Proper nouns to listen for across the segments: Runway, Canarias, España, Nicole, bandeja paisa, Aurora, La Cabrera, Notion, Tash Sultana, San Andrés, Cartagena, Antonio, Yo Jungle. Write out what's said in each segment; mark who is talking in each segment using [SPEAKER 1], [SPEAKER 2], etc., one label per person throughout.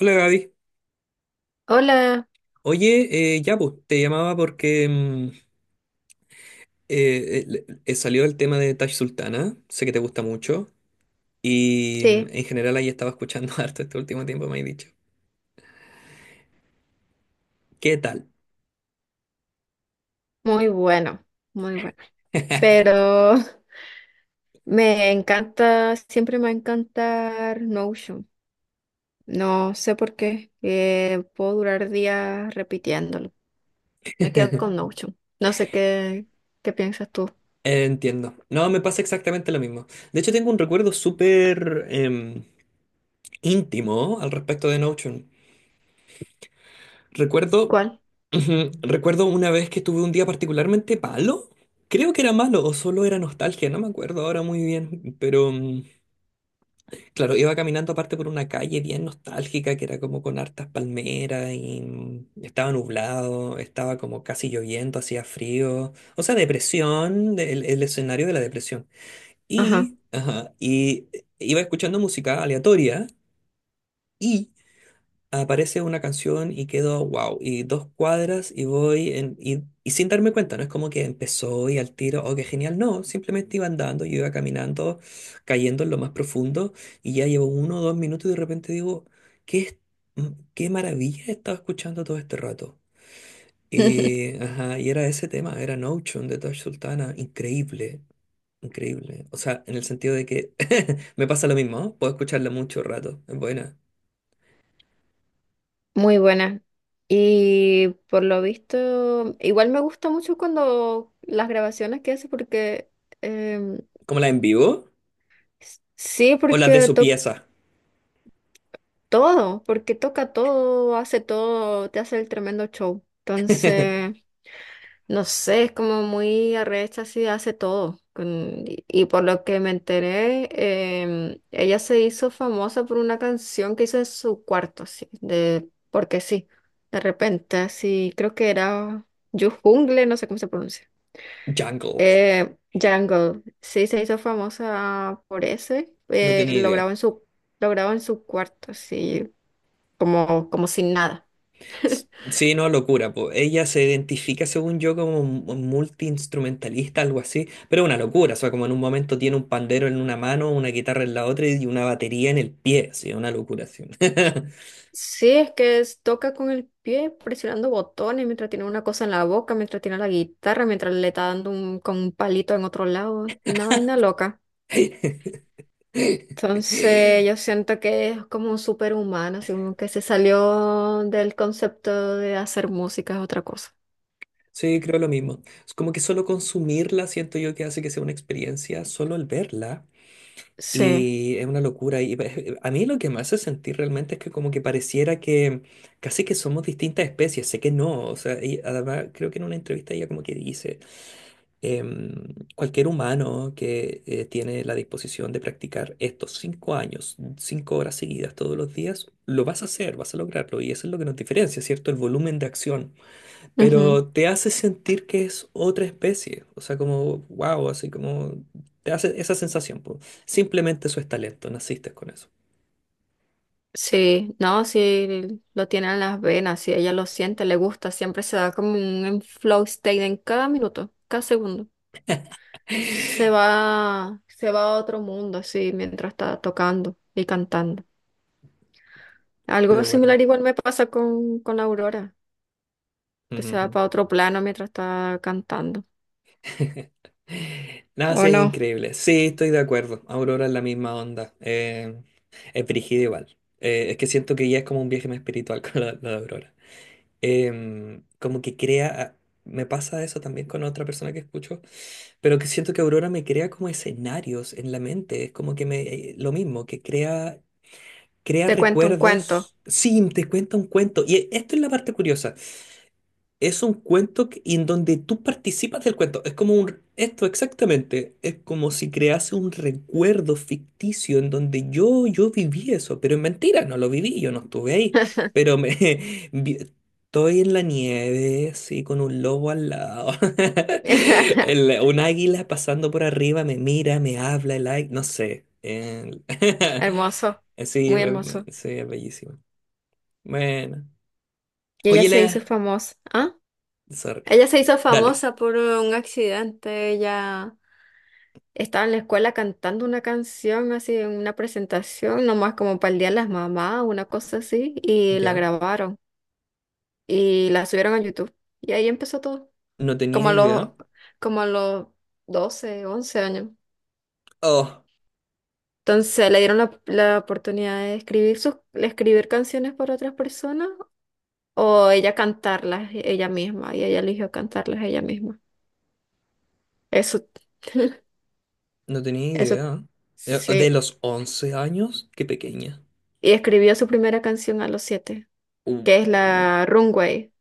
[SPEAKER 1] Hola Gaby.
[SPEAKER 2] Hola,
[SPEAKER 1] Oye, ya pues, te llamaba porque salió el tema de Tash Sultana, sé que te gusta mucho y
[SPEAKER 2] sí,
[SPEAKER 1] en general ahí estaba escuchando harto este último tiempo, me has dicho. ¿Qué tal?
[SPEAKER 2] muy bueno, muy bueno. Pero me encanta, siempre me va a encantar Notion. No sé por qué, puedo durar días repitiéndolo. Me quedo con Notion. No sé qué, qué piensas tú.
[SPEAKER 1] Entiendo. No, me pasa exactamente lo mismo. De hecho, tengo un recuerdo súper íntimo al respecto de Notion. Recuerdo,
[SPEAKER 2] ¿Cuál?
[SPEAKER 1] recuerdo una vez que tuve un día particularmente malo. Creo que era malo o solo era nostalgia, no me acuerdo ahora muy bien, Claro, iba caminando aparte por una calle bien nostálgica que era como con hartas palmeras y estaba nublado, estaba como casi lloviendo, hacía frío, o sea, depresión, el escenario de la depresión.
[SPEAKER 2] Ajá.
[SPEAKER 1] Iba escuchando música aleatoria y aparece una canción y quedo wow, y dos cuadras y voy en, y sin darme cuenta, no es como que empezó y al tiro, oh, qué genial, no, simplemente iba andando, yo iba caminando, cayendo en lo más profundo y ya llevo uno o dos minutos y de repente digo, qué, es- mm, qué maravilla he estado escuchando todo este rato. Y era ese tema, era Notion de Tosh Sultana, increíble, increíble. O sea, en el sentido de que me pasa lo mismo, ¿no? Puedo escucharla mucho rato, es buena.
[SPEAKER 2] Muy buena. Y por lo visto, igual me gusta mucho cuando las grabaciones que hace porque em,
[SPEAKER 1] ¿Como la en vivo?
[SPEAKER 2] sí,
[SPEAKER 1] ¿O las de
[SPEAKER 2] porque
[SPEAKER 1] su pieza?
[SPEAKER 2] todo, porque toca todo, hace todo, te hace el tremendo show. Entonces, no sé, es como muy arrecha, así hace todo. Y por lo que me enteré, ella se hizo famosa por una canción que hizo en su cuarto, así, de, porque sí, de repente, así, creo que era Yo Jungle, no sé cómo se pronuncia.
[SPEAKER 1] Jungle,
[SPEAKER 2] Jungle, sí, se hizo famosa por ese,
[SPEAKER 1] no tenía
[SPEAKER 2] lo
[SPEAKER 1] idea.
[SPEAKER 2] grabó en su, lo grabó en su cuarto, así como, como sin nada.
[SPEAKER 1] Sí, no, locura, po. Ella se identifica, según yo, como multiinstrumentalista, algo así, pero una locura, o sea, como en un momento tiene un pandero en una mano, una guitarra en la otra y una batería en el pie, sí, una locura, sí.
[SPEAKER 2] Sí, es que toca con el pie presionando botones mientras tiene una cosa en la boca, mientras tiene la guitarra, mientras le está dando un, con un palito en otro lado. Una vaina loca. Entonces yo siento que es como un superhumano, así como que se salió del concepto de hacer música es otra cosa.
[SPEAKER 1] Sí, creo lo mismo. Es como que solo consumirla siento yo que hace que sea una experiencia, solo el verla.
[SPEAKER 2] Sí,
[SPEAKER 1] Y es una locura. A mí lo que me hace sentir realmente es que como que pareciera que casi que somos distintas especies. Sé que no. O sea, y además creo que en una entrevista ella como que dice, em, cualquier humano que tiene la disposición de practicar estos 5 años, 5 horas seguidas todos los días, lo vas a hacer, vas a lograrlo. Y eso es lo que nos diferencia, ¿cierto? El volumen de acción,
[SPEAKER 2] ujú.
[SPEAKER 1] pero te hace sentir que es otra especie, o sea, como, wow, así como, te hace esa sensación, po. Simplemente eso es talento, naciste con eso.
[SPEAKER 2] Sí, no, sí, lo tiene en las venas, si ella lo siente, le gusta, siempre se da como un flow state en cada minuto, cada segundo. Se va a otro mundo, sí, mientras está tocando y cantando.
[SPEAKER 1] Estoy de
[SPEAKER 2] Algo similar
[SPEAKER 1] acuerdo.
[SPEAKER 2] igual me pasa con Aurora, que se va
[SPEAKER 1] Ujú.
[SPEAKER 2] para otro plano mientras está cantando.
[SPEAKER 1] Nada,
[SPEAKER 2] ¿O
[SPEAKER 1] sí, es
[SPEAKER 2] no?
[SPEAKER 1] increíble. Sí, estoy de acuerdo. Aurora es la misma onda. Es brígido igual. Es que siento que ya es como un viaje más espiritual con la de Aurora. Como que crea, me pasa eso también con otra persona que escucho, pero que siento que Aurora me crea como escenarios en la mente, es como que me, lo mismo, que crea, crea
[SPEAKER 2] Te cuento un cuento.
[SPEAKER 1] recuerdos, sí, te cuenta un cuento, esto es la parte curiosa. Es un en donde tú participas del cuento. Es como un... esto exactamente. Es como si crease un recuerdo ficticio en donde yo viví eso. Pero es mentira, no lo viví, yo no estuve ahí. Pero me... vi- Estoy en la nieve, sí, con un lobo al lado. Un águila pasando por arriba me mira, me habla, no sé.
[SPEAKER 2] Hermoso,
[SPEAKER 1] Sí,
[SPEAKER 2] muy hermoso.
[SPEAKER 1] sí, es bellísimo. Bueno.
[SPEAKER 2] Y ella
[SPEAKER 1] Oye,
[SPEAKER 2] se hizo
[SPEAKER 1] Lea.
[SPEAKER 2] famosa. ¿Ah?
[SPEAKER 1] Sorry.
[SPEAKER 2] Ella se hizo
[SPEAKER 1] Dale.
[SPEAKER 2] famosa por un accidente. Ella estaba en la escuela cantando una canción, así, en una presentación, nomás como para el día de las mamás, una cosa así, y la
[SPEAKER 1] Ya.
[SPEAKER 2] grabaron. Y la subieron a YouTube. Y ahí empezó todo,
[SPEAKER 1] No tenía
[SPEAKER 2] como a los,
[SPEAKER 1] idea.
[SPEAKER 2] como a los 12 11 años.
[SPEAKER 1] Oh,
[SPEAKER 2] Entonces le dieron la, la oportunidad de escribir, sus, de escribir canciones para otras personas o ella cantarlas ella misma y ella eligió cantarlas ella misma. Eso,
[SPEAKER 1] no tenía
[SPEAKER 2] eso,
[SPEAKER 1] idea. De
[SPEAKER 2] sí.
[SPEAKER 1] los 11 años, qué pequeña.
[SPEAKER 2] Y escribió su primera canción a los 7,
[SPEAKER 1] Uh,
[SPEAKER 2] que es
[SPEAKER 1] uh,
[SPEAKER 2] la Runway.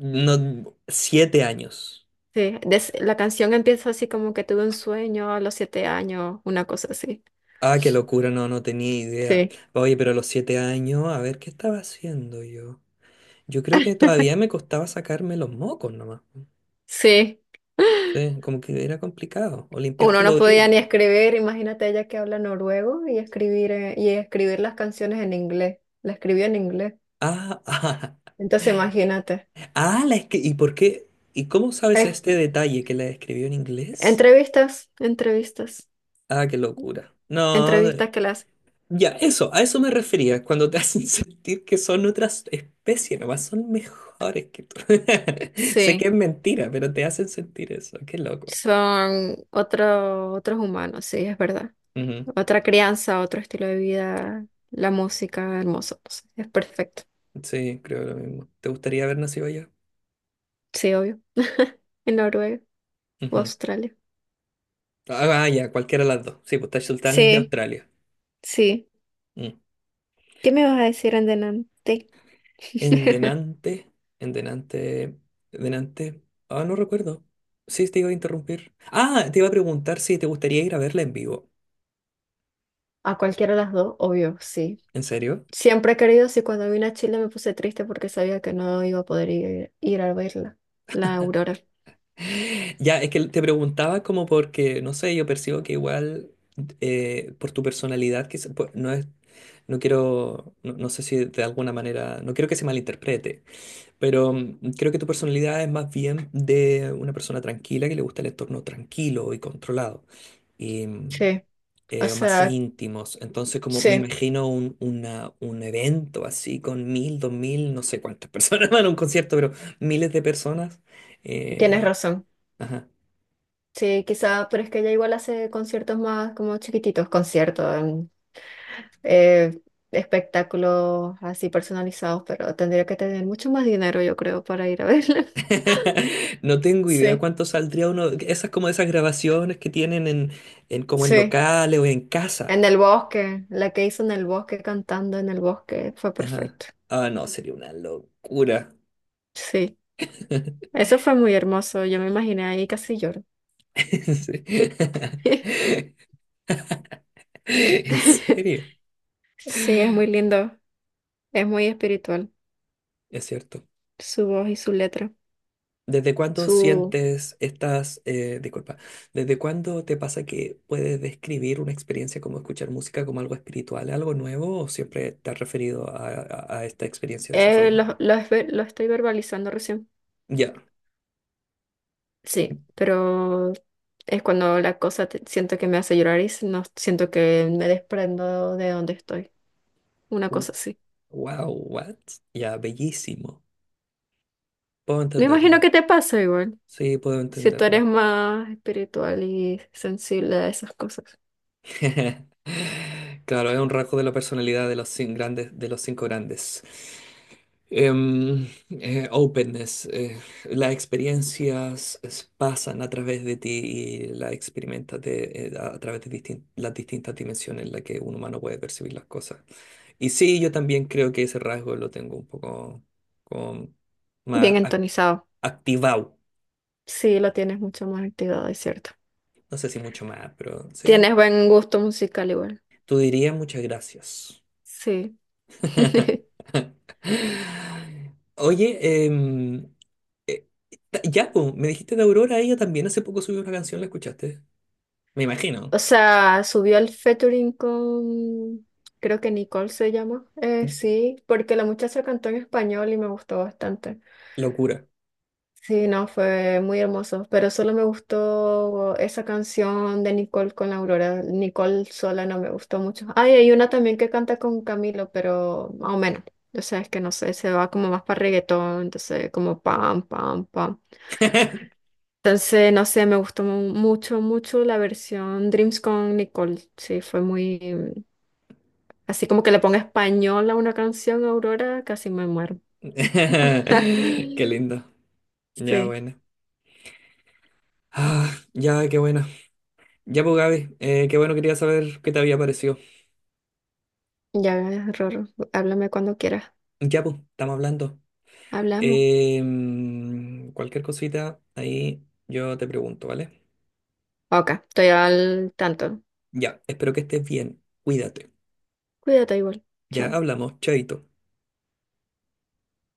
[SPEAKER 1] No, 7 años.
[SPEAKER 2] Sí, la canción empieza así como que tuve un sueño a los 7 años, una cosa así.
[SPEAKER 1] Ah, qué locura, no, no tenía idea.
[SPEAKER 2] Sí,
[SPEAKER 1] Oye, pero a los 7 años, a ver, ¿qué estaba haciendo yo? Yo creo que todavía me costaba sacarme los mocos nomás.
[SPEAKER 2] sí.
[SPEAKER 1] Sí, como que era complicado. O
[SPEAKER 2] Uno
[SPEAKER 1] limpiarte los
[SPEAKER 2] no
[SPEAKER 1] oídos.
[SPEAKER 2] podía ni escribir, imagínate ella que habla noruego y escribir las canciones en inglés. La escribió en inglés.
[SPEAKER 1] Ah,
[SPEAKER 2] Entonces imagínate.
[SPEAKER 1] ah, ah, ¿y por qué? ¿Y cómo sabes
[SPEAKER 2] Eh,
[SPEAKER 1] este detalle que la escribió en inglés?
[SPEAKER 2] entrevistas, entrevistas,
[SPEAKER 1] Ah, qué locura. No,
[SPEAKER 2] entrevistas que las...
[SPEAKER 1] ya, eso, a eso me refería, cuando te hacen sentir que son otras especies, nomás son mejores que tú. Sé que
[SPEAKER 2] Sí,
[SPEAKER 1] es mentira, pero te hacen sentir eso, qué loco.
[SPEAKER 2] son otro, otros humanos, sí, es verdad.
[SPEAKER 1] Ujú.
[SPEAKER 2] Otra crianza, otro estilo de vida, la música, hermoso. Pues, es perfecto.
[SPEAKER 1] Sí, creo lo mismo. ¿Te gustaría haber nacido allá?
[SPEAKER 2] Sí, obvio. En Noruega o
[SPEAKER 1] Ujú.
[SPEAKER 2] Australia.
[SPEAKER 1] Ah, ah, ya, cualquiera de las dos. Sí, pues Taj Sultan es de
[SPEAKER 2] Sí,
[SPEAKER 1] Australia.
[SPEAKER 2] sí.
[SPEAKER 1] Mm.
[SPEAKER 2] ¿Qué me vas a decir en delante?
[SPEAKER 1] En Denante, en Denante, Denante. Ah, no recuerdo. Sí, te iba a interrumpir. Ah, te iba a preguntar si te gustaría ir a verla en vivo.
[SPEAKER 2] A cualquiera de las dos, obvio, sí.
[SPEAKER 1] ¿En serio?
[SPEAKER 2] Siempre he querido, sí, cuando vine a Chile me puse triste porque sabía que no iba a poder ir, ir a verla, la aurora.
[SPEAKER 1] Ya, es que te preguntaba como porque, no sé, yo percibo que igual por tu personalidad, pues, no quiero, no, no sé si de alguna manera, no quiero que se malinterprete, pero creo que tu personalidad es más bien de una persona tranquila que le gusta el entorno tranquilo y controlado y
[SPEAKER 2] Sí, o
[SPEAKER 1] más
[SPEAKER 2] sea,
[SPEAKER 1] íntimos. Entonces, como me
[SPEAKER 2] sí,
[SPEAKER 1] imagino un evento así con 1.000, 2.000, no sé cuántas personas van a un concierto, pero miles de personas.
[SPEAKER 2] tienes
[SPEAKER 1] eh,
[SPEAKER 2] razón.
[SPEAKER 1] ajá.
[SPEAKER 2] Sí, quizá, pero es que ella igual hace conciertos más como chiquititos, conciertos, eh, espectáculos así personalizados, pero tendría que tener mucho más dinero, yo creo, para ir a verla.
[SPEAKER 1] No tengo idea
[SPEAKER 2] Sí,
[SPEAKER 1] cuánto saldría uno. Esas como esas grabaciones que tienen en como en
[SPEAKER 2] sí.
[SPEAKER 1] locales o en casa.
[SPEAKER 2] En el bosque, la que hizo en el bosque cantando en el bosque fue
[SPEAKER 1] Ajá.
[SPEAKER 2] perfecto.
[SPEAKER 1] Ah, no, sería una locura.
[SPEAKER 2] Sí. Eso fue muy hermoso, yo me imaginé ahí casi lloro.
[SPEAKER 1] Sí. En serio,
[SPEAKER 2] Sí, es muy lindo, es muy espiritual,
[SPEAKER 1] es cierto.
[SPEAKER 2] su voz y su letra.
[SPEAKER 1] ¿Desde cuándo
[SPEAKER 2] Su
[SPEAKER 1] sientes estas, disculpa, desde cuándo te pasa que puedes describir una experiencia como escuchar música como algo espiritual, algo nuevo, o siempre te has referido a esta experiencia de esa forma?
[SPEAKER 2] lo, lo estoy verbalizando recién.
[SPEAKER 1] Ya.
[SPEAKER 2] Sí, pero es cuando la cosa siento que me hace llorar y no siento que me desprendo de donde estoy. Una cosa así.
[SPEAKER 1] Wow, what? Ya, bellísimo. Puedo
[SPEAKER 2] Me imagino
[SPEAKER 1] entenderlo.
[SPEAKER 2] que te pasa igual,
[SPEAKER 1] Sí, puedo
[SPEAKER 2] si tú eres
[SPEAKER 1] entenderlo.
[SPEAKER 2] más espiritual y sensible a esas cosas.
[SPEAKER 1] Claro, es un rasgo de la personalidad de los grandes, de los cinco grandes. Openness. Las pasan a través de ti y las experimentas de- a través de distin- las distintas dimensiones en las que un humano puede percibir las cosas. Y sí, yo también creo que ese rasgo lo tengo un poco como
[SPEAKER 2] Bien
[SPEAKER 1] más
[SPEAKER 2] entonizado.
[SPEAKER 1] activado.
[SPEAKER 2] Sí, lo tienes mucho más activado, es cierto.
[SPEAKER 1] No sé si mucho más, pero sí.
[SPEAKER 2] Tienes buen gusto musical igual.
[SPEAKER 1] Tú dirías muchas gracias.
[SPEAKER 2] Sí.
[SPEAKER 1] Oye, em, eh, ya, po, me dijiste de Aurora, ella también hace poco subió una canción, ¿la escuchaste? Me
[SPEAKER 2] O
[SPEAKER 1] imagino.
[SPEAKER 2] sea, subió al featuring con, creo que Nicole se llama. Sí, porque la muchacha cantó en español y me gustó bastante.
[SPEAKER 1] Locura.
[SPEAKER 2] Sí, no, fue muy hermoso, pero solo me gustó esa canción de Nicole con la Aurora. Nicole sola no me gustó mucho. Ay, hay una también que canta con Camilo, pero más o menos. O sea, es que no sé, se va como más para reggaetón, entonces como pam, pam, pam. Entonces, no sé, me gustó mucho, mucho la versión Dreams con Nicole. Sí, fue muy... mm, así como que le ponga español a una canción, Aurora, casi me muero.
[SPEAKER 1] Qué lindo. Ya,
[SPEAKER 2] Sí,
[SPEAKER 1] bueno. Ah, ya, qué bueno. Ya, pues, Gaby, qué bueno, quería saber qué te había parecido.
[SPEAKER 2] ya, Roro, háblame cuando quieras.
[SPEAKER 1] Ya, pues, estamos hablando.
[SPEAKER 2] Hablamos.
[SPEAKER 1] Cualquier cosita, ahí yo te pregunto, ¿vale?
[SPEAKER 2] Ok, estoy al tanto.
[SPEAKER 1] Ya, espero que estés bien. Cuídate.
[SPEAKER 2] Cuídate igual.
[SPEAKER 1] Ya
[SPEAKER 2] Chao.
[SPEAKER 1] hablamos, chaito.